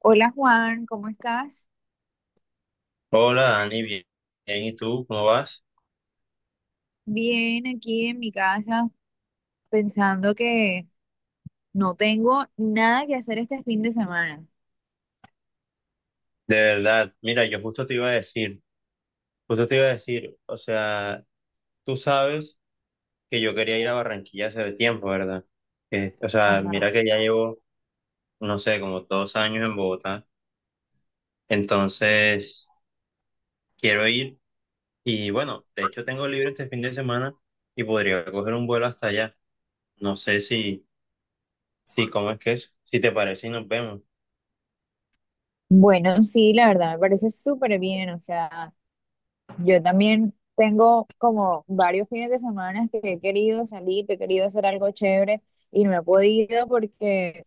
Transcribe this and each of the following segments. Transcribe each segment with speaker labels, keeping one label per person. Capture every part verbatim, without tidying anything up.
Speaker 1: Hola Juan, ¿cómo estás?
Speaker 2: Hola Dani, bien, bien, ¿y tú cómo vas?
Speaker 1: Bien, aquí en mi casa, pensando que no tengo nada que hacer este fin de semana.
Speaker 2: De verdad, mira, yo justo te iba a decir, justo te iba a decir, o sea, tú sabes que yo quería ir a Barranquilla hace tiempo, ¿verdad? Que, o sea,
Speaker 1: Ajá.
Speaker 2: mira que ya llevo, no sé, como dos años en Bogotá, entonces quiero ir y bueno, de hecho tengo libre este fin de semana y podría coger un vuelo hasta allá. No sé si, si, ¿cómo es que es? Si te parece y nos vemos.
Speaker 1: Bueno, sí, la verdad, me parece súper bien. O sea, yo también tengo como varios fines de semana que he querido salir, que he querido hacer algo chévere y no he podido porque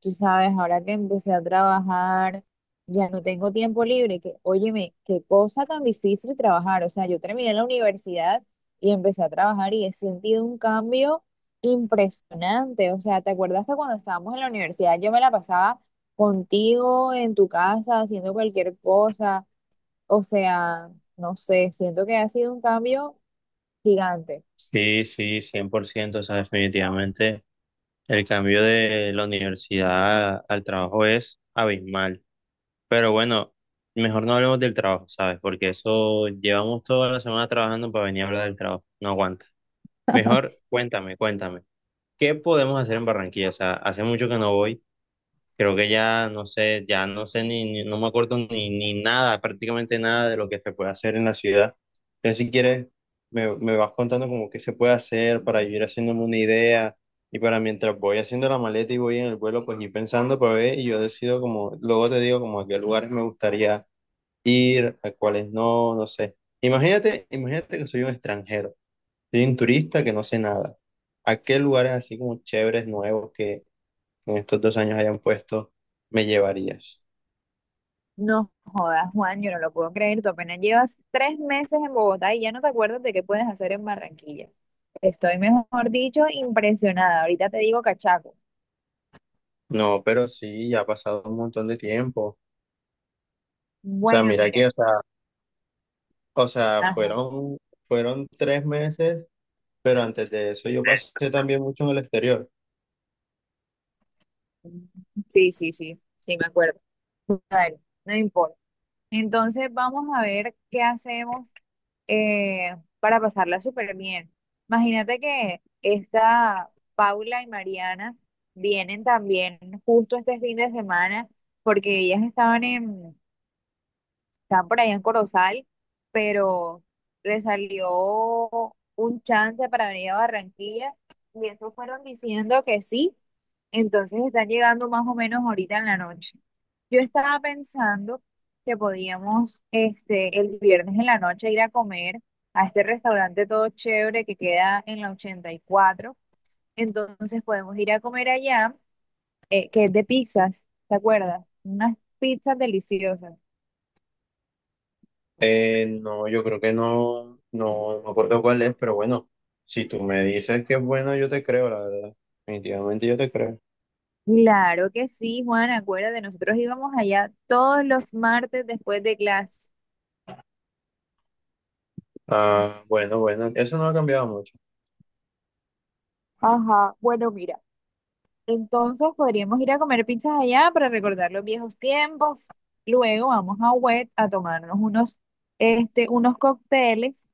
Speaker 1: tú sabes, ahora que empecé a trabajar, ya no tengo tiempo libre, que, óyeme, qué cosa tan difícil trabajar. O sea, yo terminé la universidad y empecé a trabajar y he sentido un cambio impresionante. O sea, ¿te acuerdas que cuando estábamos en la universidad yo me la pasaba contigo en tu casa haciendo cualquier cosa? O sea, no sé, siento que ha sido un cambio gigante.
Speaker 2: Sí, sí, cien por ciento o sea, definitivamente. El cambio de la universidad al trabajo es abismal. Pero bueno, mejor no hablemos del trabajo, ¿sabes? Porque eso llevamos toda la semana trabajando para venir a hablar del trabajo. No aguanta. Mejor cuéntame, cuéntame. ¿Qué podemos hacer en Barranquilla? O sea, hace mucho que no voy. Creo que ya no sé, ya no sé ni, ni- no me acuerdo ni, ni nada, prácticamente nada de lo que se puede hacer en la ciudad. Entonces, si quieres, me, me vas contando como qué se puede hacer para yo ir haciéndome una idea y para mientras voy haciendo la maleta y voy en el vuelo, pues ir pensando para ver y yo decido como, luego te digo como a qué lugares me gustaría ir, a cuáles no, no sé. Imagínate, imagínate que soy un extranjero, soy un turista que no sé nada. ¿A qué lugares así como chéveres, nuevos que en estos dos años hayan puesto, me llevarías?
Speaker 1: No jodas, Juan, yo no lo puedo creer. Tú apenas llevas tres meses en Bogotá y ya no te acuerdas de qué puedes hacer en Barranquilla. Estoy, mejor dicho, impresionada. Ahorita te digo cachaco.
Speaker 2: No, pero sí, ya ha pasado un montón de tiempo. O sea,
Speaker 1: Bueno,
Speaker 2: mira
Speaker 1: mira.
Speaker 2: que, o sea, o sea,
Speaker 1: Ajá.
Speaker 2: fueron, fueron tres meses, pero antes de eso yo pasé también mucho en el exterior.
Speaker 1: Sí, sí, sí, sí, me acuerdo. Dale, no importa. Entonces vamos a ver qué hacemos eh, para pasarla súper bien. Imagínate que esta Paula y Mariana vienen también justo este fin de semana porque ellas estaban en está por allá en Corozal, pero le salió un chance para venir a Barranquilla y eso fueron diciendo que sí, entonces están llegando más o menos ahorita en la noche. Yo estaba pensando que podíamos este, el viernes en la noche ir a comer a este restaurante todo chévere que queda en la ochenta y cuatro, entonces podemos ir a comer allá, eh, que es de pizzas, ¿te acuerdas? Unas pizzas deliciosas.
Speaker 2: Eh, no, yo creo que no, no no me acuerdo cuál es, pero bueno, si tú me dices que es bueno, yo te creo, la verdad. Definitivamente yo te creo.
Speaker 1: Claro que sí, Juan, acuérdate, nosotros íbamos allá todos los martes después de clase.
Speaker 2: Ah, bueno, bueno, eso no ha cambiado mucho.
Speaker 1: Ajá, bueno, mira, entonces podríamos ir a comer pizzas allá para recordar los viejos tiempos. Luego vamos a wet a tomarnos unos, este, unos cócteles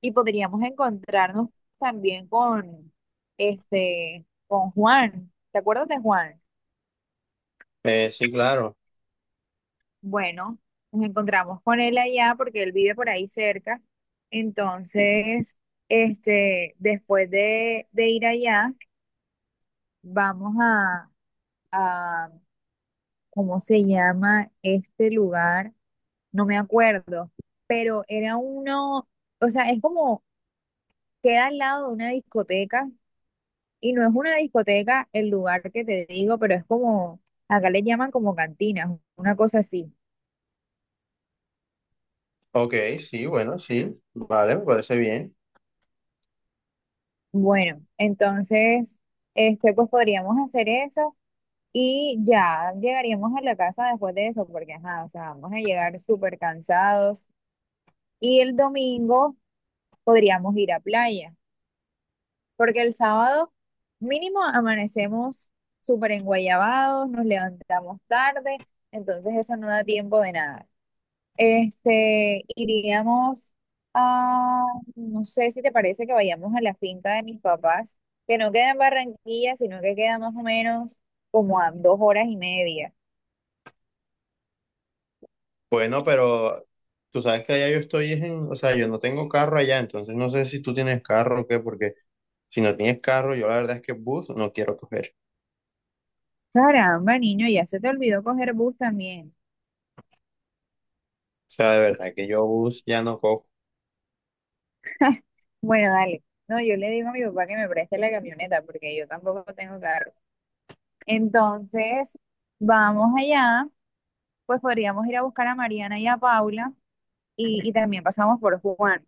Speaker 1: y podríamos encontrarnos también con, este, con Juan. ¿Te acuerdas de Juan?
Speaker 2: Eh, sí, claro.
Speaker 1: Bueno, nos encontramos con él allá porque él vive por ahí cerca. Entonces, este, después de, de ir allá, vamos a, a, ¿cómo se llama este lugar? No me acuerdo, pero era uno, o sea, es como, queda al lado de una discoteca y no es una discoteca el lugar que te digo, pero es como, acá le llaman como cantinas, una cosa así.
Speaker 2: Ok, sí, bueno, sí, vale, me parece bien.
Speaker 1: Bueno, entonces, este, pues podríamos hacer eso y ya llegaríamos a la casa después de eso, porque ajá, o sea, vamos a llegar súper cansados. Y el domingo podríamos ir a playa, porque el sábado mínimo amanecemos súper enguayabados, nos levantamos tarde, entonces eso no da tiempo de nada. Este, iríamos a, no sé si te parece que vayamos a la finca de mis papás, que no queda en Barranquilla, sino que queda más o menos como a dos horas y media.
Speaker 2: Bueno, pero tú sabes que allá yo estoy es en, o sea, yo no tengo carro allá, entonces no sé si tú tienes carro o qué, porque si no tienes carro, yo la verdad es que bus no quiero coger.
Speaker 1: Caramba, niño, ya se te olvidó coger bus también.
Speaker 2: O sea, de verdad que yo bus ya no cojo.
Speaker 1: Bueno, dale. No, yo le digo a mi papá que me preste la camioneta porque yo tampoco tengo carro. Entonces, vamos allá, pues podríamos ir a buscar a Mariana y a Paula y, y también pasamos por Juan.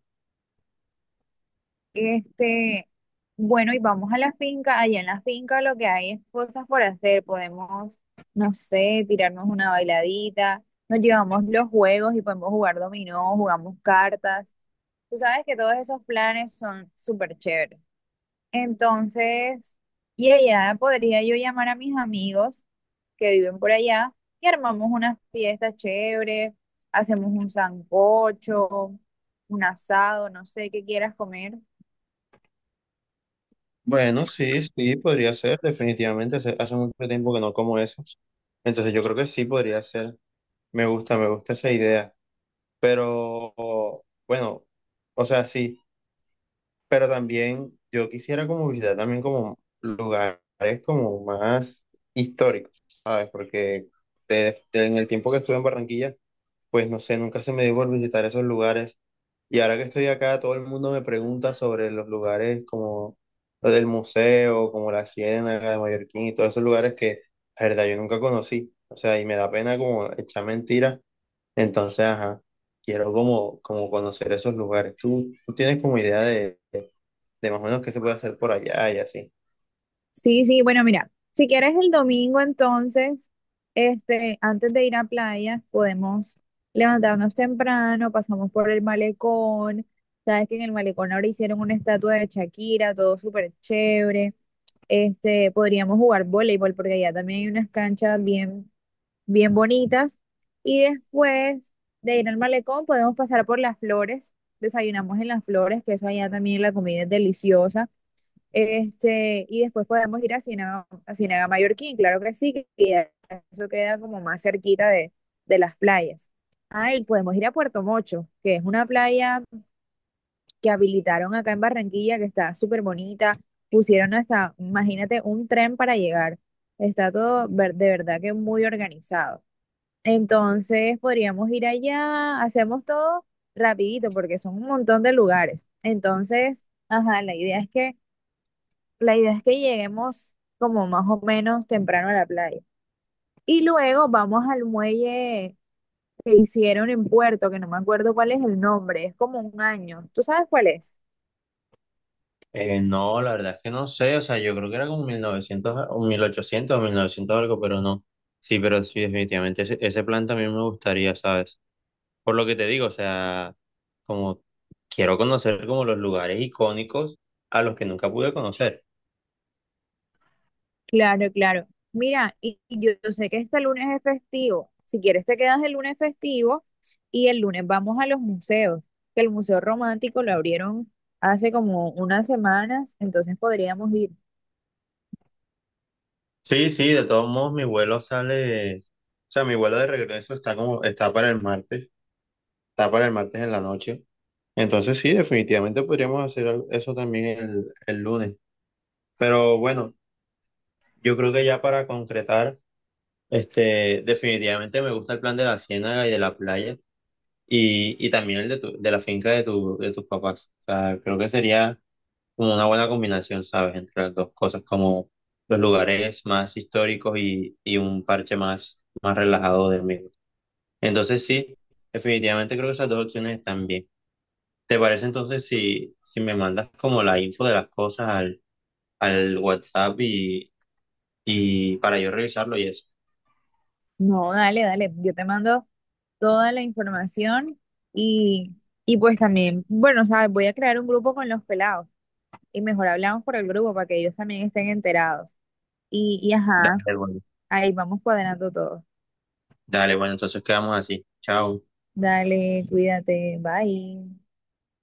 Speaker 1: Este, bueno, y vamos a la finca. Allá en la finca lo que hay es cosas por hacer. Podemos, no sé, tirarnos una bailadita. Nos llevamos los juegos y podemos jugar dominó, jugamos cartas. Tú sabes que todos esos planes son súper chéveres. Entonces, y allá podría yo llamar a mis amigos que viven por allá y armamos unas fiestas chéveres. Hacemos un sancocho, un asado, no sé qué quieras comer.
Speaker 2: Bueno, sí, sí, podría ser, definitivamente. Hace, hace mucho tiempo que no como esos. Entonces yo creo que sí podría ser. Me gusta, me gusta esa idea. Pero, bueno, o sea, sí. Pero también yo quisiera como visitar también como lugares como más históricos, ¿sabes? Porque de- de- en el tiempo que estuve en Barranquilla, pues no sé, nunca se me dio por visitar esos lugares. Y ahora que estoy acá, todo el mundo me pregunta sobre los lugares como los del museo, como la Ciénaga de Mallorquín y todos esos lugares que, la verdad, yo nunca conocí. O sea, y me da pena como echar mentiras. Entonces, ajá, quiero como, como conocer esos lugares. ¿Tú, tú tienes como idea de de más o menos qué se puede hacer por allá y así?
Speaker 1: Sí, sí, bueno, mira, si quieres el domingo entonces, este, antes de ir a playa, podemos levantarnos temprano, pasamos por el malecón, sabes que en el malecón ahora hicieron una estatua de Shakira, todo súper chévere, este, podríamos jugar voleibol porque allá también hay unas canchas bien, bien bonitas y después de ir al malecón podemos pasar por las flores, desayunamos en las flores, que eso allá también la comida es deliciosa. Este, y después podemos ir a Ciénaga, a Ciénaga Mallorquín, claro que sí, que queda- eso queda como más cerquita de, de las playas. Ahí podemos ir a Puerto Mocho, que es una playa que habilitaron acá en Barranquilla, que está súper bonita. Pusieron hasta, imagínate, un tren para llegar. Está todo ver- de verdad que muy organizado. Entonces podríamos ir allá, hacemos todo rapidito porque son un montón de lugares. Entonces, ajá, la idea es que la idea es que lleguemos como más o menos temprano a la playa. Y luego vamos al muelle que hicieron en Puerto, que no me acuerdo cuál es el nombre, es como un año. ¿Tú sabes cuál es?
Speaker 2: Eh, no, la verdad es que no sé, o sea, yo creo que era como mil novecientos a- o mil ochocientos o mil novecientos algo, pero no. Sí, pero sí, definitivamente ese, ese plan también me gustaría, ¿sabes? Por lo que te digo, o sea, como quiero conocer como los lugares icónicos a los que nunca pude conocer.
Speaker 1: Claro, claro. Mira, y y yo, yo sé que este lunes es festivo. Si quieres te quedas el lunes festivo y el lunes vamos a los museos, que el Museo Romántico lo abrieron hace como unas semanas, entonces podríamos ir.
Speaker 2: Sí, sí, de todos modos mi vuelo sale, o sea, mi vuelo de regreso está como, está para el martes, está para el martes en la noche. Entonces sí, definitivamente podríamos hacer al- eso también el, el lunes. Pero bueno, yo creo que ya para concretar, este, definitivamente me gusta el plan de la ciénaga y de la playa y, y también el de, tu- de la finca de, tu, de tus papás. O sea, creo que sería como una buena combinación, ¿sabes? Entre las dos cosas, como los lugares más históricos y, y un parche más, más relajado del mismo. Entonces sí, definitivamente creo que esas dos opciones están bien. ¿Te parece entonces si, si me mandas como la info de las cosas al, al WhatsApp y, y para yo revisarlo y eso?
Speaker 1: No, dale, dale. Yo te mando toda la información y, y pues también, bueno, sabes, voy a crear un grupo con los pelados y mejor hablamos por el grupo para que ellos también estén enterados. Y, y ajá,
Speaker 2: Dale, bueno.
Speaker 1: ahí vamos cuadrando todo.
Speaker 2: Dale, bueno, entonces quedamos así. Chao.
Speaker 1: Dale, cuídate, bye.